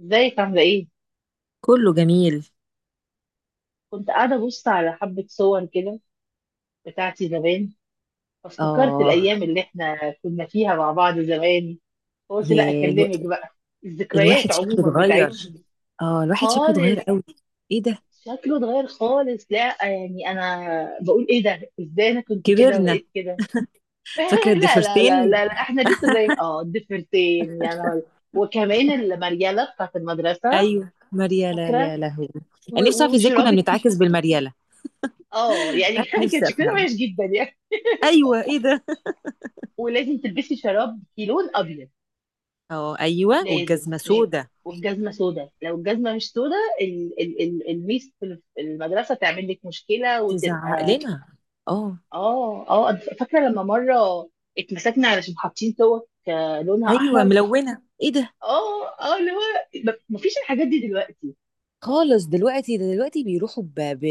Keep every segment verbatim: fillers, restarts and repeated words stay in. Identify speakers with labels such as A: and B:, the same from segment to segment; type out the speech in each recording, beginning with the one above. A: ازيك عاملة ايه؟
B: كله جميل.
A: كنت قاعدة أبص على حبة صور كده بتاعتي زمان، فافتكرت
B: اه.
A: الأيام اللي احنا كنا فيها مع بعض زمان، فقلت لا
B: يا الو...
A: أكلمك بقى. الذكريات
B: الواحد شكله
A: عموما
B: اتغير.
A: بتاعتنا.
B: اه، الواحد شكله اتغير
A: خالص.
B: قوي. ايه ده؟
A: شكله اتغير خالص. لا يعني أنا بقول ايه ده؟ ازاي أنا كنت كده
B: كبرنا.
A: وبقيت كده؟
B: فاكره
A: لا لا لا
B: الضفيرتين.
A: لا لا احنا لسه زي ما- اه الضفيرتين، يعني هول. وكمان المريالة بتاعت المدرسة.
B: ايوه مريالة،
A: فاكرة.
B: يا لهوي.
A: و-
B: انا نفسي
A: و-
B: اعرف ازاي كنا
A: وشراب الكي.
B: بنتعاكس بالمريالة.
A: اه يعني
B: أنا
A: كان
B: نفسي
A: شكلنا وحش
B: افهم.
A: جدا يعني.
B: ايوه، ايه ده؟
A: ولازم تلبسي شراب لون ابيض.
B: اه ايوه،
A: لازم.
B: والجزمه سودا.
A: والجزمه سوداء. لو الجزمه مش سوداء، ال ال ال الميس في الف- المدرسه تعمل لك مشكله
B: تزعق
A: وتبقى.
B: لنا. اه
A: اه اه أنا فاكره لما مره اتمسكنا علشان حاطين توك آه، لونها
B: ايوه
A: احمر.
B: ملونه، ايه ده؟
A: اه اه اللي هو ب- مفيش الحاجات دي دلوقتي.
B: خالص دلوقتي، ده دلوقتي بيروحوا ب... ب...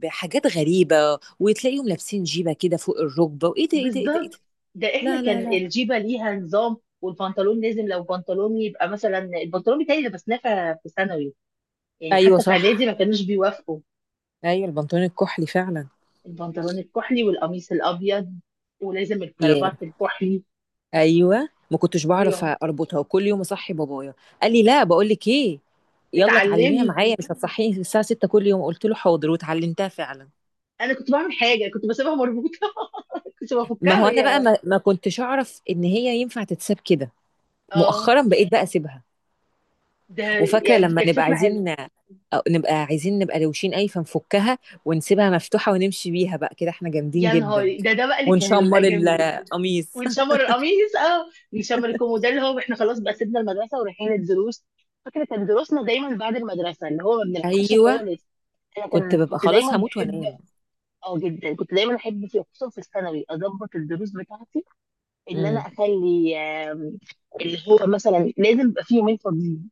B: بحاجات غريبه. وتلاقيهم لابسين جيبه كده فوق الركبه، وايه ده ايه ده ايه ده إيه
A: بالظبط.
B: ده؟
A: ده احنا
B: لا
A: كان
B: لا لا.
A: الجيبه ليها نظام، والبنطلون لازم. لو بنطلون، يبقى مثلا البنطلون بتاعي لبسناه في في ثانوي. يعني
B: ايوه
A: حتى في اعدادي
B: صح.
A: ما كانوش بيوافقوا.
B: ايوه البنطلون الكحلي فعلا.
A: البنطلون الكحلي والقميص الابيض، ولازم
B: ياه.
A: الكرافات الكحلي.
B: ايوه ما كنتش بعرف
A: ويوم
B: اربطها، وكل يوم اصحي بابايا قال لي لا بقول لك ايه، يلا اتعلميها
A: اتعلمي.
B: معايا مش هتصحيني الساعه ستة كل يوم. قلت له حاضر واتعلمتها فعلا.
A: انا كنت بعمل حاجه، كنت بسيبها مربوطه. كنت
B: ما
A: بفكها
B: هو انا بقى
A: وهي
B: ما, ما كنتش اعرف ان هي ينفع تتساب كده.
A: اه.
B: مؤخرا بقيت بقى اسيبها.
A: ده
B: وفاكره
A: يعني
B: لما
A: كانت
B: نبقى
A: فكره حلوه.
B: عايزين، أو نبقى عايزين نبقى روشين اي فنفكها ونسيبها مفتوحه ونمشي بيها بقى كده احنا جامدين
A: يا
B: جدا.
A: نهاري، ده ده بقى اللي كان
B: ونشمر
A: بيبقى جميل.
B: القميص.
A: ونشمر القميص، اه. نشمر الكومو، ده اللي هو احنا خلاص بقى سيبنا المدرسه ورايحين الدروس. فكره كان دروسنا دايما بعد المدرسه، اللي هو ما بنلحقش
B: ايوه.
A: خالص. انا
B: كنت
A: كان
B: ببقى
A: كنت
B: خلاص
A: دايما
B: هموت
A: بحب.
B: وانام.
A: اه جدا. كنت دايما احب في خصوصا في الثانوي اظبط الدروس بتاعتي. ان انا
B: امم.
A: اخلي آم، اللي هو مثلا لازم يبقى فيه يومين فاضيين.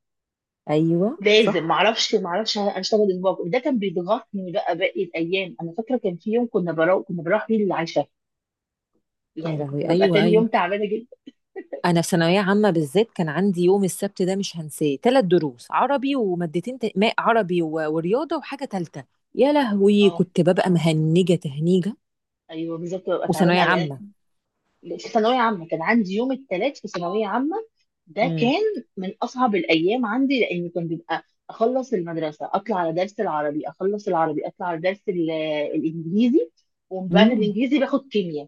B: ايوه
A: لازم.
B: صح.
A: معرفش معرفش اشتغل اسبوع كله. ده كان بيضغطني بقى باقي الايام. انا فاكره كان في يوم كنا بروح كنا بروح فيه للعشاء.
B: يا
A: يعني كنت
B: لهوي،
A: ببقى
B: ايوه
A: تاني يوم
B: ايوه.
A: تعبانه جدا.
B: انا في ثانويه عامه بالذات كان عندي يوم السبت ده مش هنساه، ثلاث دروس عربي ومادتين تا- ما عربي و- ورياضه وحاجه ثالثه. يا لهوي،
A: اه
B: كنت ببقى مهنجه تهنيجه.
A: ايوه بالظبط، ببقى تعبانه
B: وثانويه
A: قوي انا.
B: عامه.
A: في ثانويه عامه كان عندي يوم الثلاث في ثانويه عامه. ده
B: امم.
A: كان من اصعب الايام عندي لان كان بيبقى اخلص المدرسه اطلع على درس العربي، اخلص العربي اطلع على درس ال- الانجليزي، ومن بعد
B: امم.
A: الانجليزي باخد كيمياء.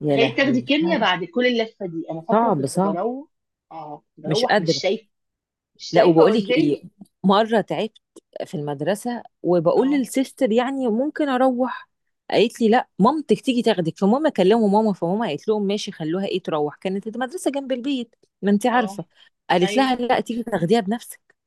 B: يا
A: تخيلي تاخدي
B: لهوي،
A: كيمياء بعد كل اللفه دي. انا فاكره
B: صعب
A: كنت
B: صعب.
A: بروح، اه كنت
B: مش
A: بروح مش
B: قادره.
A: شايفه، مش
B: لا
A: شايفه
B: وبقول لك ايه،
A: قدامي.
B: مره تعبت في المدرسه وبقول
A: اه
B: للسيستر يعني ممكن اروح. قالت لي لا مامتك تيجي تاخدك، فماما كلموا ماما فماما قالت لهم ماشي خلوها ايه تروح، كانت المدرسه جنب البيت. ما انت
A: اه
B: عارفه. قالت
A: ايوه
B: لها لا تيجي تاخديها بنفسك.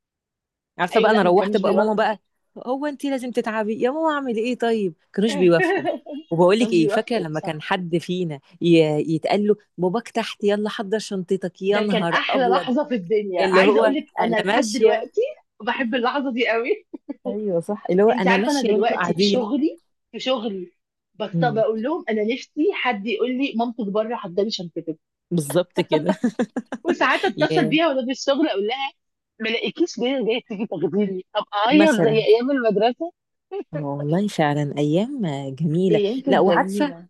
B: عارفه
A: ايوه.
B: بقى، انا
A: لا ما
B: روحت
A: كانوش
B: بقى ماما
A: بيوافقوا.
B: بقى. هو انت لازم تتعبي يا ماما؟ اعمل ايه طيب، كانوش بيوافقوا.
A: ما
B: وبقول لك
A: كانوش
B: ايه، فاكره
A: بيوافقوا،
B: لما كان
A: صح.
B: حد فينا ي- يتقال له باباك تحت يلا حضر شنطتك، يا
A: ده كان
B: نهار
A: احلى
B: ابيض.
A: لحظه في الدنيا،
B: اللي
A: عايزه
B: هو
A: اقول لك انا
B: انا
A: لحد
B: ماشيه.
A: دلوقتي بحب اللحظه دي قوي.
B: ايوه صح، اللي هو
A: انت
B: انا
A: عارفه انا
B: ماشيه وانتوا
A: دلوقتي في
B: قاعدين.
A: شغلي، في شغلي بط-
B: امم.
A: بقول لهم انا نفسي حد يقول لي مامتك بره، حضري شنطتك.
B: بالظبط كده.
A: وساعات اتصل
B: يا
A: بيها وانا في الشغل اقول لها ما لاقيكيش، ليه جاي تيجي تاخديني؟ ابقى اعيط زي
B: مثلا.
A: ايام المدرسه.
B: اه والله فعلا، ايام جميله.
A: ايام
B: لا
A: كانت
B: وعارفه،
A: جميله.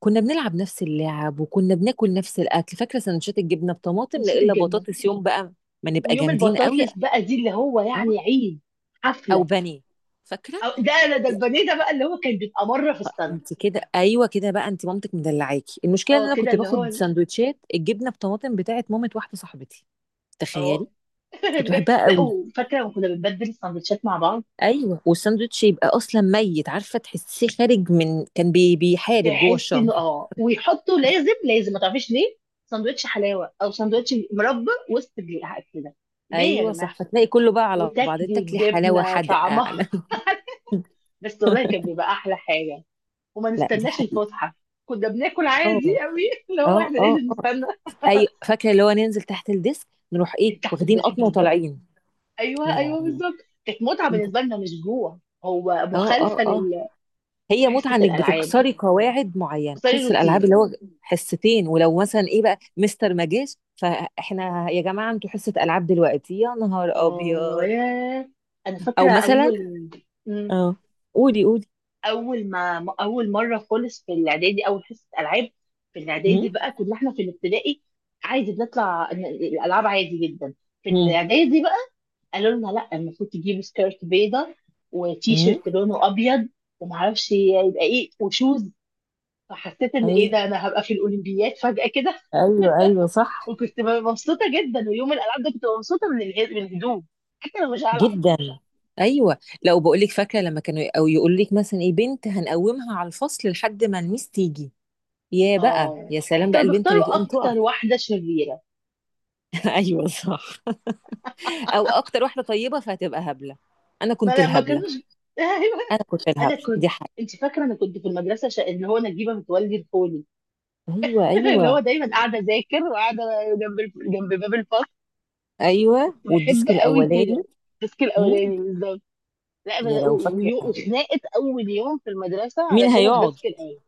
B: كنا بنلعب نفس اللعب وكنا بناكل نفس الاكل. فاكره سندوتشات الجبنه بطماطم، لا
A: امسك
B: الا
A: الجبنه.
B: بطاطس يوم بقى. ما نبقى
A: ويوم
B: جامدين قوي.
A: البطاطس بقى دي اللي هو يعني
B: اه،
A: عيد،
B: او
A: حفله.
B: بني. فاكره.
A: أو ده انا ده
B: يا
A: البانيه ده بقى اللي هو كان بيبقى مره في السنه.
B: انت كده، ايوه كده بقى، انت مامتك مدلعاكي. المشكله ان
A: اه
B: انا
A: كده
B: كنت
A: اللي هو
B: باخد سندوتشات الجبنه بطماطم بتاعت مامه واحده صاحبتي. تخيلي.
A: اه.
B: كنت
A: بجد.
B: بحبها
A: لا
B: قوي.
A: وفاكره لما كنا بنبدل السندوتشات مع بعض.
B: ايوه والساندوتش يبقى اصلا ميت، عارفه تحسيه خارج من كان بي بيحارب جوه
A: تحس انه
B: الشنطه.
A: اه، ويحطوا لازم لازم، ما تعرفيش ليه، سندوتش حلاوه او سندوتش مربى وسط الحاجات كده. ليه يا
B: ايوه
A: جماعه؟
B: صح، فتلاقي كله بقى على بعض،
A: وتاكلي
B: تاكلي حلاوه
A: الجبنه
B: حادقه
A: طعمها
B: على.
A: بس والله كان بيبقى احلى حاجه. وما
B: لا دي
A: نستناش
B: حقيقه.
A: الفسحه، كنا بناكل
B: اه
A: عادي قوي. اللي هو
B: اه
A: احنا
B: اه
A: لازم
B: اه.
A: نستنى.
B: ايوه فاكره اللي هو ننزل تحت الديسك، نروح ايه
A: تحت
B: واخدين
A: الديسك
B: قطمه
A: بالظبط.
B: وطالعين.
A: ايوه
B: يا
A: ايوه
B: لهوي.
A: بالظبط. كانت متعه
B: ايه ده.
A: بالنسبه لنا، مش جوع. هو
B: اه اه
A: مخالفه
B: اه.
A: لل.
B: هي
A: وحصه
B: متعه انك
A: الالعاب،
B: بتكسري قواعد معينه،
A: تكسري
B: حس الالعاب
A: الروتين.
B: اللي هو حصتين، ولو مثلا ايه بقى مستر ما جاش فاحنا يا جماعه انتوا حصه العاب دلوقتي، يا نهار
A: اه
B: ابيض.
A: يا، انا
B: او
A: فاكره
B: مثلا.
A: اول مم.
B: اه، قولي قولي.
A: اول ما اول مره خالص في الاعدادي اول حصه العاب. في الاعدادي
B: مم؟
A: بقى، كنا احنا في الابتدائي عادي بنطلع ن- الالعاب عادي جدا. في
B: مم؟
A: الاعدادي بقى قالوا لنا لا، المفروض تجيبوا سكيرت بيضة، وتي
B: مم؟
A: شيرت لونه ابيض، ومعرفش يبقى ايه، وشوز. فحسيت ان
B: ايوه
A: ايه ده، انا هبقى في الاولمبياد فجأة كده.
B: ايوه. ايوه صح
A: وكنت مبسوطة جدا. ويوم الالعاب ده كنت مبسوطة من اله- من الهدوم، حتى لو مش هلعب.
B: جدا. ايوه لو بقول لك، فاكره لما كانوا او يقول لك مثلا ايه بنت هنقومها على الفصل لحد ما الميس تيجي. يا بقى
A: اه
B: يا سلام، بقى
A: كانوا
B: البنت اللي
A: بيختاروا
B: تقوم تقف.
A: اكتر واحدة شريرة.
B: ايوه صح. او اكتر واحده طيبه فهتبقى هبله. انا
A: ما
B: كنت
A: لا ما
B: الهبله.
A: كانوش ايوه.
B: انا كنت
A: انا
B: الهبله،
A: كنت.
B: دي حاجه.
A: انت فاكره انا كنت في المدرسه ش... اللي هو نجيبه متولي الفوني.
B: ايوه
A: اللي هو
B: ايوه.
A: دايما قاعده اذاكر وقاعده جنب الف... جنب باب الفصل.
B: ايوه
A: بحب
B: والديسك
A: قوي
B: الاولاني.
A: كده. الديسك
B: مم؟
A: الاولاني بالظبط. لا
B: يا
A: بس-
B: لو
A: و-
B: فاكره.
A: ويو- وخناقه اول يوم في المدرسه
B: مين
A: علشان
B: هيقعد؟
A: الديسك الاول.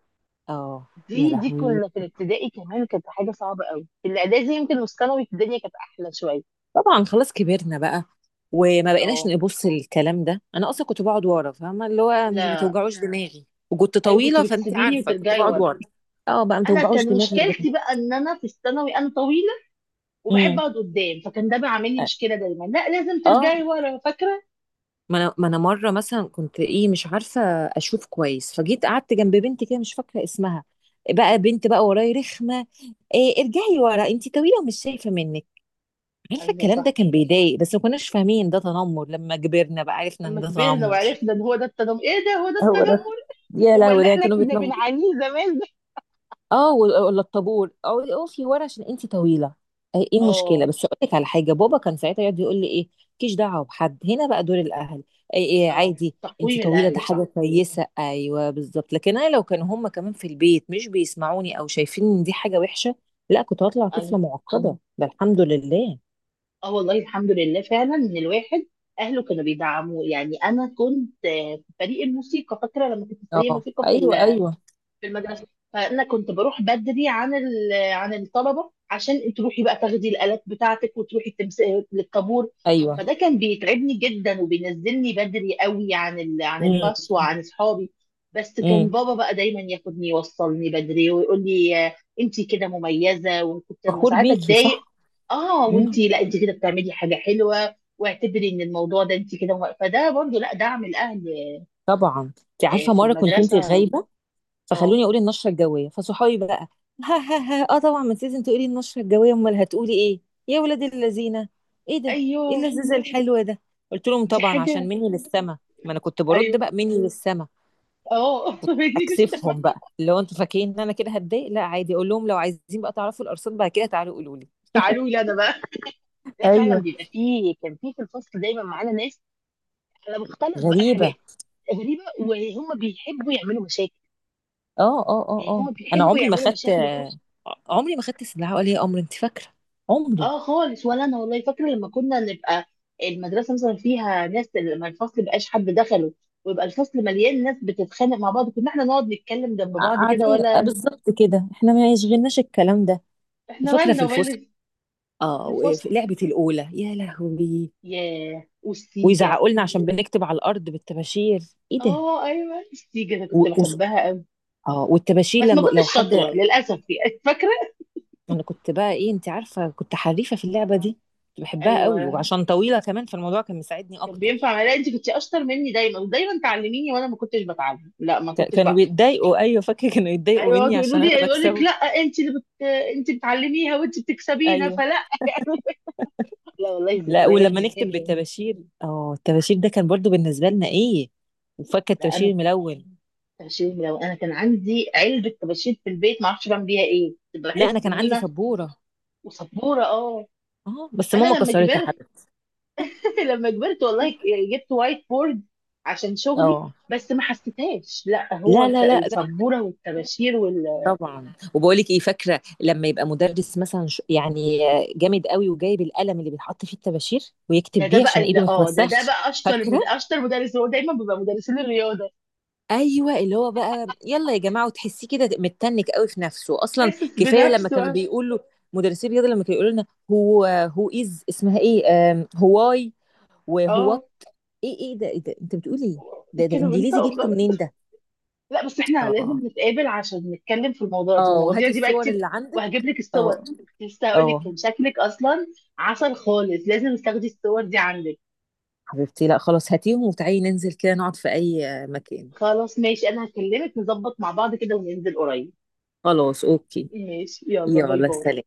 B: اه. يا
A: دي دي
B: لهوي،
A: كنا في الابتدائي كمان، كانت حاجه صعبه قوي. في الاعدادي يمكن والثانوي الدنيا كانت احلى شويه.
B: طبعا خلاص كبرنا بقى. وما بقيناش
A: اه.
B: نبص للكلام ده، انا اصلا كنت بقعد ورا، فاهمه اللي هو مش ما
A: لا
B: توجعوش دماغي، وكنت
A: ايوه كنت
B: طويله فانت
A: بتسيبيني
B: عارفه كنت
A: وترجعي
B: بقعد
A: ورا.
B: ورا. اه بقى ما
A: انا
B: توجعوش
A: كان
B: دماغي ده.
A: مشكلتي بقى ان انا في الثانوي انا طويله وبحب
B: امم.
A: اقعد قدام، فكان ده بيعمل لي مشكله دايما. لا لازم
B: اه،
A: ترجعي ورا، فاكره.
B: ما انا، ما انا مره مثلا كنت ايه مش عارفه اشوف كويس، فجيت قعدت جنب بنت كده مش فاكره اسمها. بقى بنت بقى وراي رخمه. إيه ارجعي ورا انت طويله ومش شايفه منك. عارفه
A: ايوه
B: الكلام ده
A: صح.
B: كان بيضايق، بس ما كناش فاهمين ده تنمر، لما كبرنا بقى عرفنا ان
A: لما
B: ده
A: كبرنا
B: تنمر.
A: وعرفنا ان هو ده التنمر. ايه ده، هو ده
B: هو ده.
A: التنمر.
B: يا
A: هو
B: لهوي،
A: اللي
B: ده
A: احنا
B: كانوا
A: كنا
B: بيتنبطوا.
A: بنعانيه زمان ده.
B: اه و- ولا الطابور، او اقفي ورا عشان انت طويله. ايه إيه المشكله،
A: اه
B: بس اقول لك على حاجه، بابا كان ساعتها يقعد يقول لي ايه مالكيش دعوه بحد، هنا بقى دور الاهل. ايه ايه
A: اه.
B: عادي. انت
A: تقويم
B: طويله ده
A: الاهل،
B: حاجه
A: صح.
B: كويسه، ايوه بالظبط، لكن انا لو كانوا هم كمان في البيت مش بيسمعوني او شايفين ان دي حاجه وحشه، لا كنت هطلع طفله
A: ايوه.
B: معقده، ده الحمد لله.
A: اه والله الحمد لله فعلا ان الواحد اهله كانوا بيدعموه. يعني انا كنت آه، في فريق الموسيقى. فاكره لما كنت في فريق
B: اه
A: الموسيقى في
B: ايوه ايوه
A: في المدرسه، فانا كنت بروح بدري عن ال- عن الطلبه عشان تروحي بقى تاخدي الالات بتاعتك وتروحي التمس... للطابور.
B: ايوه.
A: فده كان بيتعبني جدا، وبينزلني بدري قوي عن ال... عن الباص
B: امم.
A: وعن اصحابي. بس كان
B: امم.
A: بابا بقى دايما ياخدني يوصلني بدري ويقول لي انت كده مميزه. وكنت لما
B: فخور
A: ساعات
B: بيكي
A: اتضايق
B: صح.
A: اه، وانت
B: امم.
A: لا انت كده بتعملي حاجه حلوه، واعتبري ان الموضوع ده انت كده مم... فده برضو لا دعم الاهل.
B: طبعا انت
A: آه،
B: عارفه،
A: في
B: مره كنت انت
A: المدرسه.
B: غايبه،
A: اه
B: فخلوني اقول النشره الجويه فصحابي بقى. ها ها ها، اه طبعا، ما انت لازم تقولي النشره الجويه، امال هتقولي ايه، يا ولاد الذين. ايه ده؟ ايه
A: ايوه.
B: اللذيذه الحلوه ده. قلت لهم
A: دي
B: طبعا عشان
A: حاجة.
B: مني للسما. ما انا كنت برد
A: ايوه
B: بقى مني للسما.
A: اه دي مش-
B: اكسفهم بقى، اللي هو انتوا فاكرين ان انا كده هتضايق، لا عادي، اقول لهم لو عايزين بقى تعرفوا الارصاد بعد كده تعالوا قولوا لي.
A: تعالوا لي انا بقى. لا فعلا
B: ايوه
A: بيبقى فيه، كان فيه في الفصل دايما معانا ناس على مختلف بقى
B: غريبه.
A: الحاجات. غريبة وهم بيحبوا يعملوا مشاكل.
B: اه اه اه
A: يعني
B: اه.
A: هم
B: انا
A: بيحبوا
B: عمري ما
A: يعملوا
B: خدت،
A: مشاكل وفي-
B: عمري ما خدت سلاح ولا لي امر، انت فاكره؟ عمري.
A: اه خالص. ولا انا والله فاكرة لما كنا نبقى المدرسة مثلا فيها ناس، لما الفصل مبقاش حد دخله ويبقى الفصل مليان ناس بتتخانق مع بعض، كنا احنا نقعد نتكلم جنب بعض كده
B: قاعدين آه،
A: ولا.
B: بالظبط كده، احنا ما يشغلناش الكلام ده.
A: احنا
B: وفاكره في
A: مالنا
B: الفسحه.
A: ولا.
B: اه
A: في
B: وفي
A: الفسحة،
B: لعبة الأولى، يا لهوي.
A: ياه، والسيجة.
B: ويزعقوا لنا عشان بنكتب على الأرض بالطباشير. ايه ده؟
A: اه ايوه السيج انا
B: و...
A: كنت
B: و...
A: بحبها قوي،
B: اه، والطباشير
A: بس ما
B: لما لو
A: كنتش
B: حد.
A: شاطره للاسف يعني. فاكره.
B: انا كنت بقى ايه، انت عارفة كنت حريفة في اللعبة دي. كنت بحبها قوي
A: ايوه
B: وعشان طويلة كمان فالموضوع كان مساعدني
A: كان
B: اكتر.
A: بينفع معايا. لا انت كنت اشطر مني دايما ودايما تعلميني، وانا ما كنتش بتعلم. لا ما
B: ك-
A: كنتش
B: كانوا
A: بقى.
B: بيتضايقوا، ايوه فاكرة كانوا يتضايقوا
A: ايوه
B: مني
A: يقعدوا يقولوا
B: عشان
A: لي،
B: انا
A: يقول لك لا
B: بكسبه.
A: انت اللي بت... انت بتعلميها وانت بتكسبينا،
B: ايوه.
A: فلا. لا والله
B: لا
A: الذكريات
B: ولما
A: دي
B: نكتب
A: حلوه.
B: بالطباشير. اه الطباشير ده كان برضو بالنسبة لنا ايه. وفاكرة
A: لا انا
B: الطباشير الملون.
A: الطباشير، لو انا كان عندي علبه طباشير في البيت ما اعرفش بعمل بيها ايه، كنت
B: لا
A: بحس
B: انا كان
A: ان
B: عندي
A: انا.
B: سبورة.
A: وسبوره، اه.
B: اه بس ماما
A: انا لما
B: كسرتها حد.
A: كبرت، لما كبرت والله ك- جبت وايت بورد عشان شغلي،
B: اه.
A: بس ما حسيتهاش. لا هو
B: لا
A: الت-
B: لا لا.
A: السبوره والطباشير وال.
B: طبعًا، وباقول لِك إيه، فاكرة لمّا يبقى مُدرِّس مثلًا ش يعني جامد أوي، وجايب القلم اللي بيتحط فيه الطباشير
A: ده
B: ويكتب
A: ده
B: بيه عشان
A: بقى اللي
B: إيده ما
A: اه، ده ده
B: تتوسخش،
A: بقى اشطر
B: فاكرة؟
A: مد... اشطر مدرس. هو دايما بيبقى مدرسين الرياضه،
B: أيوه، اللي هو بقى يالّا يا جماعة، وتحسّيه كده متّنِّك أوي في نَفْسه، أصلًا
A: حاسس
B: كفاية لمّا كانوا
A: بنفسه.
B: بيقولوا. مُدرِّسي الرياضة لمّا كانوا يقولوا لنا هو who is اسمها إيه، آمم who why وwhat.
A: اه
B: إيه إيه ده إيه ده أنت بتقول إيه؟ ده ده
A: كانوا
B: إنجليزي
A: بينطقوا
B: جِبته
A: بضل.
B: منين ده؟
A: لا بس احنا
B: آه،
A: لازم نتقابل عشان نتكلم في الموضوع في
B: آه،
A: المواضيع
B: وهاتي
A: دي بقى
B: الصور
A: كتير.
B: اللي
A: وهجيب
B: عندِك.
A: لك الصور.
B: آه،
A: كنت لسه هقول لك
B: آه.
A: كان شكلك اصلا عسل خالص، لازم تاخدي الصور دي عندك.
B: حبيبتي، لا خلاص هاتيهم وتعالي ننزل كده نقعد في اي مكان.
A: خلاص ماشي، انا هكلمك نظبط مع بعض كده وننزل قريب.
B: خلاص اوكي.
A: ماشي، يلا باي
B: يلا
A: باي.
B: سلام.